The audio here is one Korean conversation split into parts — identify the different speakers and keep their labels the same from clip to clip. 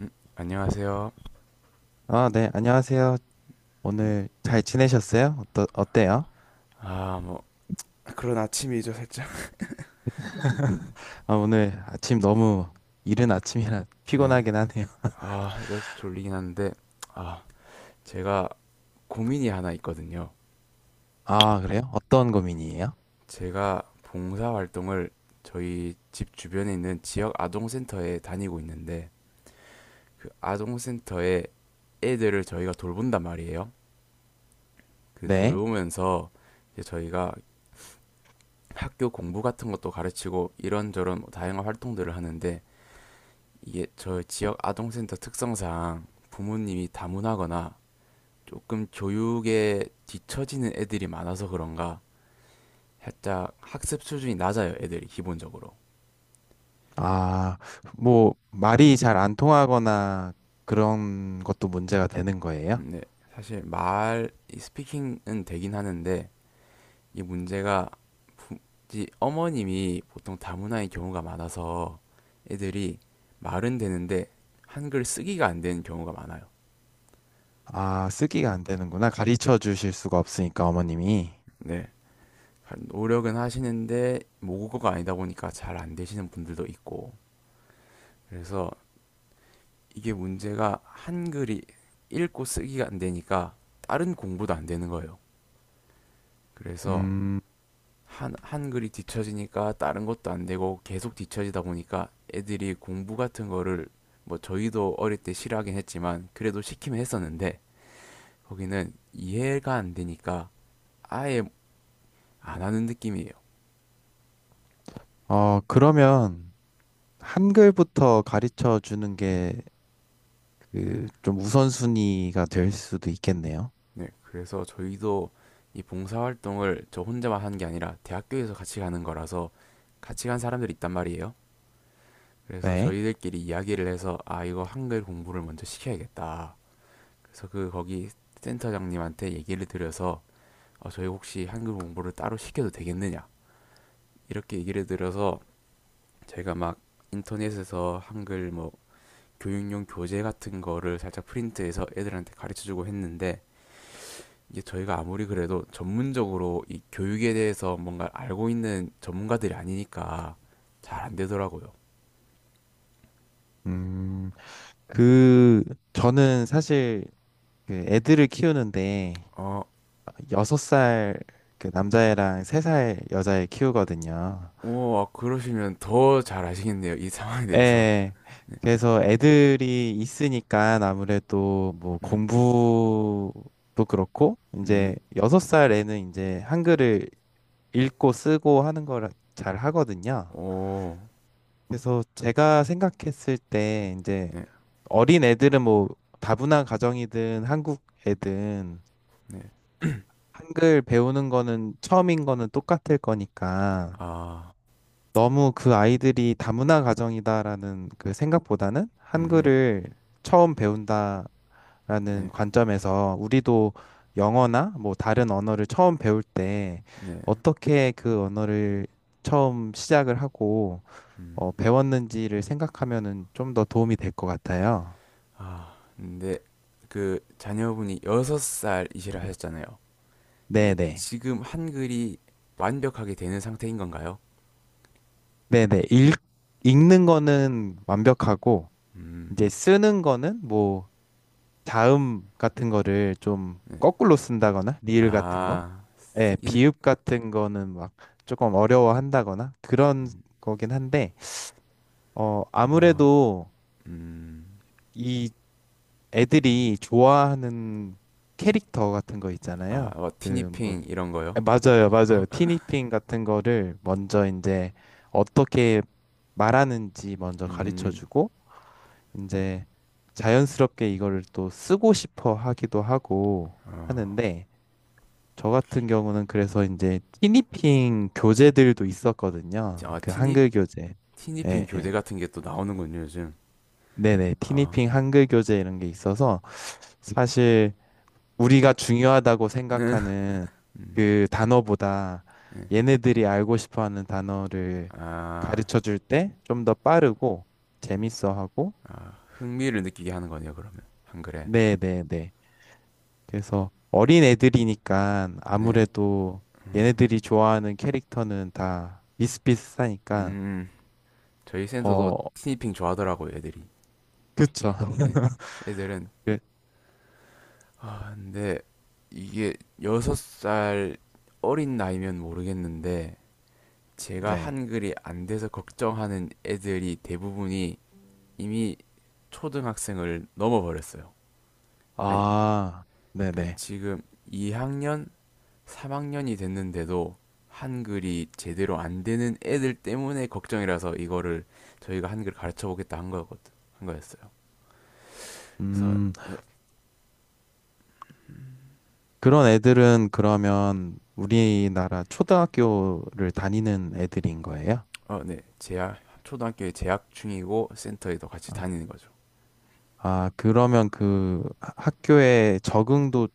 Speaker 1: 안녕하세요.
Speaker 2: 아, 네, 안녕하세요.
Speaker 1: 음,
Speaker 2: 오늘 잘 지내셨어요? 어때요?
Speaker 1: 뭐, 그런 아침이죠, 살짝.
Speaker 2: 아, 오늘 아침 너무 이른 아침이라
Speaker 1: 네.
Speaker 2: 피곤하긴 하네요.
Speaker 1: 이제 졸리긴 한데, 아, 제가 고민이 하나 있거든요.
Speaker 2: 아, 그래요? 어떤 고민이에요?
Speaker 1: 제가 봉사활동을 저희 집 주변에 있는 지역 아동센터에 다니고 있는데, 그 아동센터에 애들을 저희가 돌본단 말이에요. 그
Speaker 2: 네.
Speaker 1: 돌보면서 이제 저희가 학교 공부 같은 것도 가르치고 이런저런 다양한 활동들을 하는데, 이게 저 지역 아동센터 특성상 부모님이 다문화거나 조금 교육에 뒤처지는 애들이 많아서 그런가 살짝 학습 수준이 낮아요, 애들이 기본적으로.
Speaker 2: 아, 뭐, 말이 잘 안 통하거나 그런 것도 문제가 되는 거예요?
Speaker 1: 근데 사실 말이 스피킹은 되긴 하는데 이 문제가 부- 이 어머님이 보통 다문화인 경우가 많아서 애들이 말은 되는데 한글 쓰기가 안 되는 경우가 많아요.
Speaker 2: 아, 쓰기가 안 되는구나. 가르쳐 주실 수가 없으니까, 어머님이.
Speaker 1: 네. 노력은 하시는데 모국어가 아니다 보니까 잘 안 되시는 분들도 있고, 그래서 이게 문제가 한글이 읽고 쓰기가 안 되니까 다른 공부도 안 되는 거예요. 그래서
Speaker 2: 음,
Speaker 1: 한글이 뒤처지니까 다른 것도 안 되고 계속 뒤처지다 보니까 애들이 공부 같은 거를, 뭐 저희도 어릴 때 싫어하긴 했지만 그래도 시키면 했었는데 거기는 이해가 안 되니까 아예 안 하는 느낌이에요.
Speaker 2: 어, 그러면 한글부터 가르쳐 주는 게 그 좀 우선순위가 될 수도 있겠네요.
Speaker 1: 네, 그래서 저희도 이 봉사활동을 저 혼자만 하는 게 아니라 대학교에서 같이 가는 거라서 같이 간 사람들이 있단 말이에요. 그래서
Speaker 2: 네.
Speaker 1: 저희들끼리 이야기를 해서, 아, 이거 한글 공부를 먼저 시켜야겠다. 그래서 그 거기 센터장님한테 얘기를 드려서, 저희 혹시 한글 공부를 따로 시켜도 되겠느냐 이렇게 얘기를 드려서, 제가 막 인터넷에서 한글 뭐 교육용 교재 같은 거를 살짝 프린트해서 애들한테 가르쳐주고 했는데, 이게 저희가 아무리 그래도 전문적으로 이 교육에 대해서 뭔가 알고 있는 전문가들이 아니니까 잘 안 되더라고요.
Speaker 2: 음, 그, 저는 사실 그 애들을 키우는데
Speaker 1: 어,
Speaker 2: 6살 그 남자애랑 3살 여자애 키우거든요.
Speaker 1: 오, 아, 그러시면 더 잘 아시겠네요. 이 상황에 대해서.
Speaker 2: 예. 그래서 애들이 있으니까 아무래도 뭐
Speaker 1: 음,
Speaker 2: 공부도 그렇고 이제
Speaker 1: 음,
Speaker 2: 6살 애는 이제 한글을
Speaker 1: 네.
Speaker 2: 읽고 쓰고 하는 걸 잘 하거든요.
Speaker 1: 오,
Speaker 2: 그래서 제가 생각했을 때 이제
Speaker 1: 네,
Speaker 2: 어린 애들은 뭐 다문화 가정이든 한국 애든
Speaker 1: 네.
Speaker 2: 한글 배우는 거는 처음인 거는 똑같을 거니까
Speaker 1: 아,
Speaker 2: 너무 그 아이들이 다문화 가정이다라는 그 생각보다는
Speaker 1: 음,
Speaker 2: 한글을 처음 배운다라는
Speaker 1: 네,
Speaker 2: 관점에서 우리도 영어나 뭐 다른 언어를 처음 배울 때
Speaker 1: 네,
Speaker 2: 어떻게 그 언어를 처음 시작을 하고
Speaker 1: 음.
Speaker 2: 배웠는지를 생각하면은 좀 더 도움이 될 것 같아요.
Speaker 1: 아, 근데 그 자녀분이 여섯 살이시라 하셨잖아요. 근데
Speaker 2: 네네.
Speaker 1: 지금 한글이 완벽하게 되는 상태인 건가요?
Speaker 2: 네네. 읽는 거는 완벽하고,
Speaker 1: 음,
Speaker 2: 이제 쓰는 거는 뭐, 자음 같은 거를 좀
Speaker 1: 네.
Speaker 2: 거꾸로 쓴다거나, 리을 같은 거,
Speaker 1: 아,
Speaker 2: 예,
Speaker 1: 쓰기는,
Speaker 2: 비읍 같은 거는 막 조금 어려워한다거나, 그런
Speaker 1: 음,
Speaker 2: 거긴 한데,
Speaker 1: 아,
Speaker 2: 아무래도
Speaker 1: 음,
Speaker 2: 이 애들이 좋아하는 캐릭터 같은 거
Speaker 1: 아,
Speaker 2: 있잖아요.
Speaker 1: 어,
Speaker 2: 그 뭐,
Speaker 1: 티니핑 이런 거요?
Speaker 2: 맞아요, 맞아요. 티니핑 같은 거를 먼저 이제 어떻게 말하는지 먼저 가르쳐
Speaker 1: 음,
Speaker 2: 주고, 이제 자연스럽게 이거를 또 쓰고 싶어 하기도 하고
Speaker 1: 아,
Speaker 2: 하는데, 저 같은 경우는 그래서 이제 티니핑 교재들도 있었거든요.
Speaker 1: 아,
Speaker 2: 그
Speaker 1: 티니
Speaker 2: 한글 교재.
Speaker 1: 티니핑
Speaker 2: 예,
Speaker 1: 교대
Speaker 2: 예.
Speaker 1: 같은 게 또 나오는군요, 요즘.
Speaker 2: 네네.
Speaker 1: 아,
Speaker 2: 티니핑 한글 교재 이런 게 있어서 사실 우리가 중요하다고
Speaker 1: 네.
Speaker 2: 생각하는
Speaker 1: 음,
Speaker 2: 그 단어보다
Speaker 1: 네.
Speaker 2: 얘네들이 알고 싶어 하는 단어를
Speaker 1: 아,
Speaker 2: 가르쳐 줄 때 좀 더 빠르고 재밌어 하고,
Speaker 1: 흥미를 느끼게 하는 거네요, 그러면 한글에.
Speaker 2: 네네네. 그래서 어린 애들이니까
Speaker 1: 네.
Speaker 2: 아무래도 얘네들이 좋아하는 캐릭터는 다 비슷비슷하니까,
Speaker 1: 음 저희 센터도
Speaker 2: 어,
Speaker 1: 티니핑 좋아하더라고요, 애들이.
Speaker 2: 그쵸.
Speaker 1: 네. 애들은.
Speaker 2: 그,
Speaker 1: 근데 이게 여섯 살 어린 나이면 모르겠는데, 제가
Speaker 2: 네.
Speaker 1: 한글이 안 돼서 걱정하는 애들이 대부분이 이미 초등학생을 넘어버렸어요. 아니,
Speaker 2: 아,
Speaker 1: 그러니까
Speaker 2: 네네.
Speaker 1: 지금 2학년 3학년이 됐는데도 한글이 제대로 안 되는 애들 때문에 걱정이라서 이거를 저희가 한글 가르쳐 보겠다 한 거였거든. 한 거였어요. 그래서.
Speaker 2: 음. 그런 애들은 그러면 우리나라 초등학교를 다니는 애들인 거예요?
Speaker 1: 어, 네. 재학 초등학교에 재학 중이고 센터에도 같이
Speaker 2: 아,
Speaker 1: 다니는 거죠.
Speaker 2: 아, 그러면 그 학교에 적응도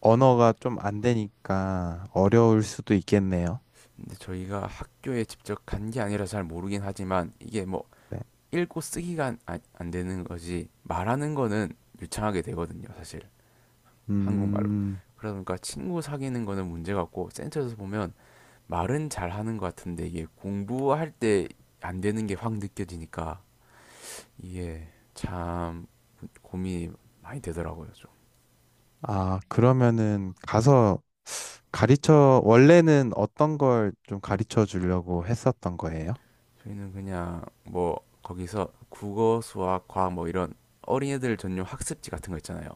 Speaker 2: 언어가 좀 안 되니까 어려울 수도 있겠네요.
Speaker 1: 근데 저희가 학교에 직접 간 게 아니라 잘 모르긴 하지만 이게 뭐
Speaker 2: 네.
Speaker 1: 읽고 쓰기가 안 되는 거지, 말하는 거는 유창하게 되거든요, 사실. 한국말로.
Speaker 2: 음,
Speaker 1: 그러니까 친구 사귀는 거는 문제 같고, 센터에서 보면 말은 잘하는 것 같은데 이게 공부할 때 안 되는 게 확 느껴지니까 이게 참 고민이 많이 되더라고요, 좀.
Speaker 2: 아, 그러면은 가서 원래는 어떤 걸 좀 가르쳐 주려고 했었던 거예요?
Speaker 1: 저희는 그냥 뭐 거기서 국어 수학 과학 뭐 이런 어린애들 전용 학습지 같은 거 있잖아요.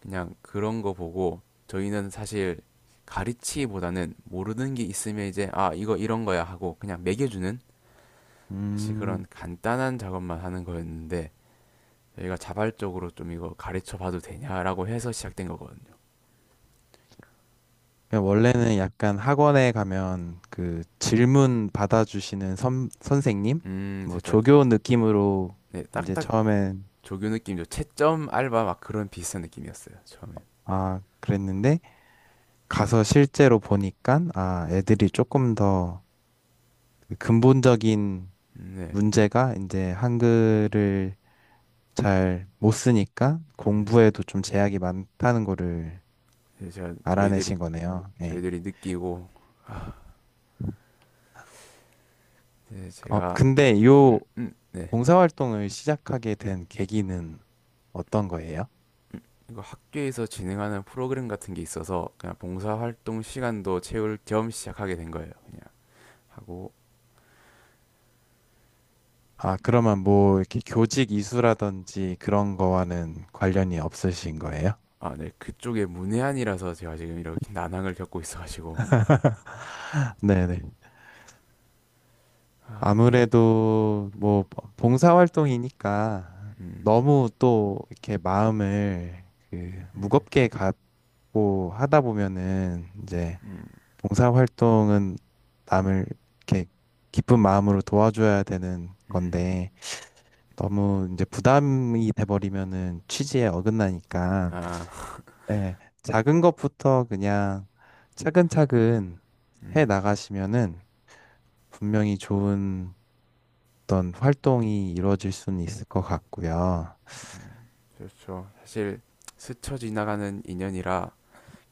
Speaker 1: 그냥 그런 거 보고 저희는 사실 가르치기보다는 모르는 게 있으면 이제 아, 이거 이런 거야 하고 그냥 매겨주는, 사실 그런
Speaker 2: 음.
Speaker 1: 간단한 작업만 하는 거였는데 저희가 자발적으로 좀 이거 가르쳐 봐도 되냐라고 해서 시작된 거거든요.
Speaker 2: 그러니까 원래는 약간 학원에 가면 그 질문 받아주시는 선생님? 뭐
Speaker 1: 살짝.
Speaker 2: 조교 느낌으로
Speaker 1: 네,
Speaker 2: 이제
Speaker 1: 딱딱
Speaker 2: 처음엔
Speaker 1: 조교 느낌이죠. 채점 알바 막 그런 비슷한 느낌이었어요, 처음엔.
Speaker 2: 아, 그랬는데 가서 실제로 보니까 아, 애들이 조금 더그 근본적인
Speaker 1: 네,
Speaker 2: 문제가 이제 한글을 잘 못 쓰니까
Speaker 1: 음,
Speaker 2: 공부에도 좀 제약이 많다는 거를
Speaker 1: 네, 제가 저희들이
Speaker 2: 알아내신 거네요. 예.
Speaker 1: 저희들이 느끼고, 네, 제가,
Speaker 2: 근데 요
Speaker 1: 네.
Speaker 2: 봉사활동을 시작하게 된 계기는 어떤 거예요?
Speaker 1: 이거 학교에서 진행하는 프로그램 같은 게 있어서 그냥 봉사활동 시간도 채울 겸 시작하게 된 거예요. 그냥 하고.
Speaker 2: 아, 그러면 뭐 이렇게 교직 이수라든지 그런 거와는 관련이 없으신 거예요?
Speaker 1: 아, 네, 그쪽에 문외한이라서 제가 지금 이렇게 난항을 겪고 있어가지고.
Speaker 2: 네네.
Speaker 1: 아, 이게,
Speaker 2: 아무래도 뭐 봉사활동이니까
Speaker 1: 음,
Speaker 2: 너무 또 이렇게 마음을 그 무겁게 갖고 하다 보면은 이제
Speaker 1: 음,
Speaker 2: 봉사활동은 남을 이렇게 기쁜 마음으로 도와줘야 되는
Speaker 1: 음,
Speaker 2: 건데 너무 이제 부담이 돼버리면은 취지에 어긋나니까
Speaker 1: 아,
Speaker 2: 네, 작은 것부터 그냥 차근차근 해
Speaker 1: 음,
Speaker 2: 나가시면은 분명히 좋은 어떤 활동이 이루어질 수는 있을 것 같고요.
Speaker 1: 음. 그렇죠. 사실 스쳐 지나가는 인연이라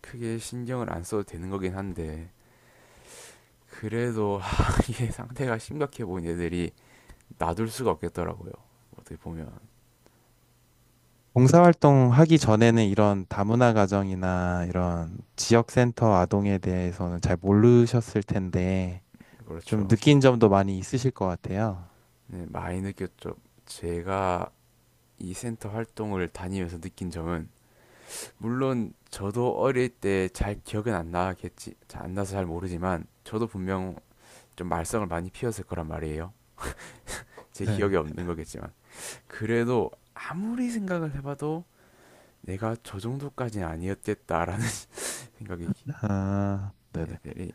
Speaker 1: 크게 신경을 안 써도 되는 거긴 한데, 그래도 하, 이게 상태가 심각해 보인 애들이 놔둘 수가 없겠더라고요. 어떻게 보면.
Speaker 2: 봉사활동 하기 전에는 이런 다문화 가정이나 이런 지역센터 아동에 대해서는 잘 모르셨을 텐데 좀
Speaker 1: 그렇죠.
Speaker 2: 느낀 점도 많이 있으실 것 같아요.
Speaker 1: 네, 많이 느꼈죠. 제가 이 센터 활동을 다니면서 느낀 점은, 물론 저도 어릴 때 잘 기억은 안 나겠지, 안 나서 잘 모르지만 저도 분명 좀 말썽을 많이 피웠을 거란 말이에요. 제
Speaker 2: 네.
Speaker 1: 기억이 없는 거겠지만. 그래도 아무리 생각을 해봐도 내가 저 정도까지는 아니었겠다라는 생각이.
Speaker 2: 아, 네네.
Speaker 1: 애들이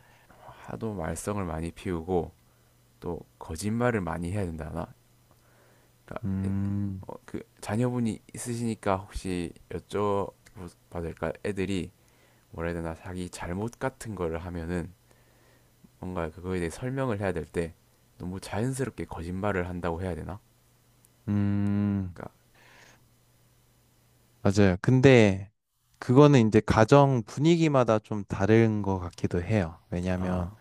Speaker 1: 하도 말썽을 많이 피우고 또 거짓말을 많이 해야 된다나? 그러니까
Speaker 2: 음,
Speaker 1: 그 자녀분이 있으시니까 혹시 여쭤봐도 될까? 애들이, 뭐라 해야 되나, 자기 잘못 같은 거를 하면은 뭔가 그거에 대해 설명을 해야 될 때 너무 자연스럽게 거짓말을 한다고 해야 되나?
Speaker 2: 음.
Speaker 1: 그러니까.
Speaker 2: 맞아요. 근데 그거는 이제 가정 분위기마다 좀 다른 것 같기도 해요. 왜냐하면
Speaker 1: 아,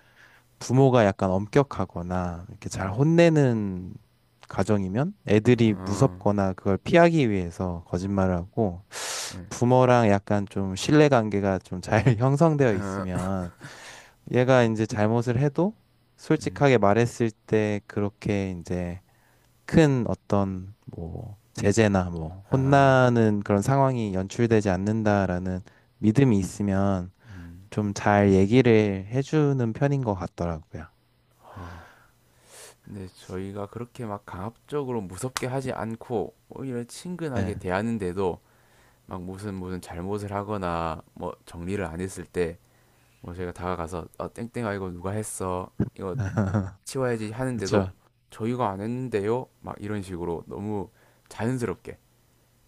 Speaker 2: 부모가 약간 엄격하거나 이렇게 잘
Speaker 1: 음,
Speaker 2: 혼내는 가정이면 애들이
Speaker 1: 어,
Speaker 2: 무섭거나 그걸 피하기 위해서 거짓말을 하고
Speaker 1: 네,
Speaker 2: 부모랑 약간 좀 신뢰 관계가 좀 잘 형성되어
Speaker 1: 어,
Speaker 2: 있으면 얘가 이제 잘못을 해도
Speaker 1: 음,
Speaker 2: 솔직하게 말했을 때 그렇게 이제 큰 어떤 뭐 제재나 뭐
Speaker 1: 아,
Speaker 2: 혼나는 그런 상황이 연출되지 않는다라는 믿음이 있으면
Speaker 1: 음.
Speaker 2: 좀 잘 얘기를 해주는 편인 것 같더라고요.
Speaker 1: 아, 근데 저희가 그렇게 막 강압적으로 무섭게 하지 않고 오히려
Speaker 2: 네.
Speaker 1: 친근하게 대하는데도 막 무슨 무슨 잘못을 하거나 뭐 정리를 안 했을 때, 뭐 저희가 다가가서, 어, 땡땡아 이거 누가 했어, 이거 치워야지 하는데도
Speaker 2: 그렇죠.
Speaker 1: 저희가 안 했는데요, 막 이런 식으로 너무 자연스럽게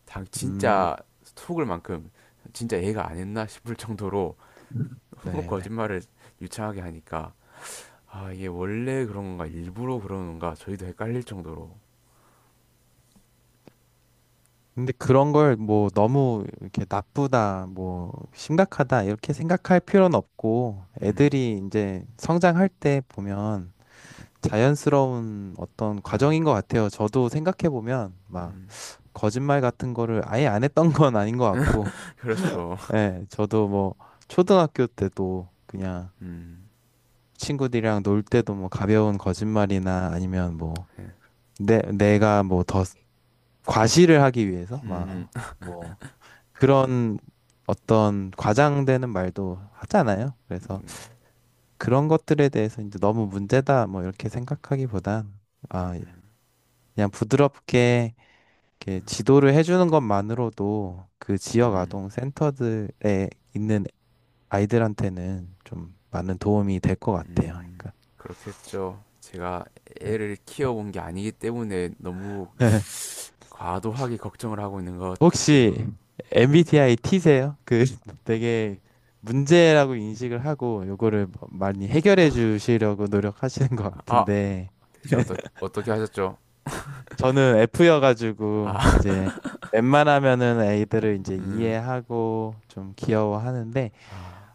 Speaker 1: 당
Speaker 2: 음,
Speaker 1: 진짜 속을 만큼, 진짜 얘가 안 했나 싶을 정도로 너무
Speaker 2: 네네.
Speaker 1: 거짓말을 유창하게 하니까 아, 이게 원래 그런 건가 일부러 그런 건가 저희도 헷갈릴 정도로.
Speaker 2: 근데 그런 걸 뭐 너무 이렇게 나쁘다, 뭐 심각하다 이렇게 생각할 필요는 없고
Speaker 1: 음,
Speaker 2: 애들이 이제 성장할 때 보면 자연스러운 어떤
Speaker 1: 아,
Speaker 2: 과정인 것 같아요. 저도 생각해 보면 막
Speaker 1: 음.
Speaker 2: 거짓말 같은 거를 아예 안 했던 건 아닌 것 같고,
Speaker 1: 그렇죠.
Speaker 2: 예, 저도 뭐 초등학교 때도 그냥
Speaker 1: 음,
Speaker 2: 친구들이랑 놀 때도 뭐 가벼운 거짓말이나 아니면 뭐
Speaker 1: 예.
Speaker 2: 내가 뭐 더 과시를 하기 위해서
Speaker 1: 음,
Speaker 2: 막
Speaker 1: 음,
Speaker 2: 뭐 그런 어떤 과장되는 말도 하잖아요.
Speaker 1: 음,
Speaker 2: 그래서
Speaker 1: 음,
Speaker 2: 그런 것들에 대해서 이제 너무 문제다 뭐 이렇게 생각하기보단
Speaker 1: 음,
Speaker 2: 아,
Speaker 1: 음,
Speaker 2: 그냥 부드럽게 이렇게 지도를 해주는 것만으로도 그
Speaker 1: 음, 음, 음,
Speaker 2: 지역
Speaker 1: 음,
Speaker 2: 아동 센터들에 있는 아이들한테는 좀 많은 도움이 될 것 같아요.
Speaker 1: 음.
Speaker 2: 그러니까
Speaker 1: 그렇겠죠. 제가
Speaker 2: 네.
Speaker 1: 애를 키워본 게 아니기 때문에 너무 과도하게 걱정을 하고 있는 것 같기도.
Speaker 2: 혹시
Speaker 1: 음,
Speaker 2: MBTI T세요? 그 되게 문제라고 인식을 하고 요거를 뭐 많이 해결해 주시려고 노력하시는 것
Speaker 1: 아,
Speaker 2: 같은데
Speaker 1: 대체 어떻게 하셨죠?
Speaker 2: 저는
Speaker 1: 아,
Speaker 2: F여가지고 이제 웬만하면은 애들을 이제
Speaker 1: 음,
Speaker 2: 이해하고 좀 귀여워하는데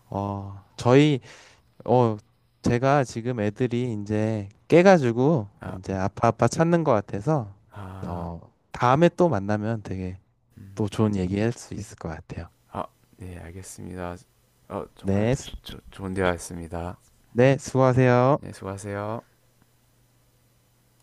Speaker 2: 어 저희 어, 제가 지금 애들이 이제 깨가지고
Speaker 1: 아,
Speaker 2: 이제 아빠 아빠 찾는 것 같아서
Speaker 1: 아,
Speaker 2: 어, 다음에 또 만나면 되게
Speaker 1: 음,
Speaker 2: 또 좋은 얘기할 수 있을 것 같아요.
Speaker 1: 아, 네, 알겠습니다. 정말
Speaker 2: 네,
Speaker 1: 좋은 대화였습니다.
Speaker 2: 네, 수고하세요.
Speaker 1: 네, 수고하세요.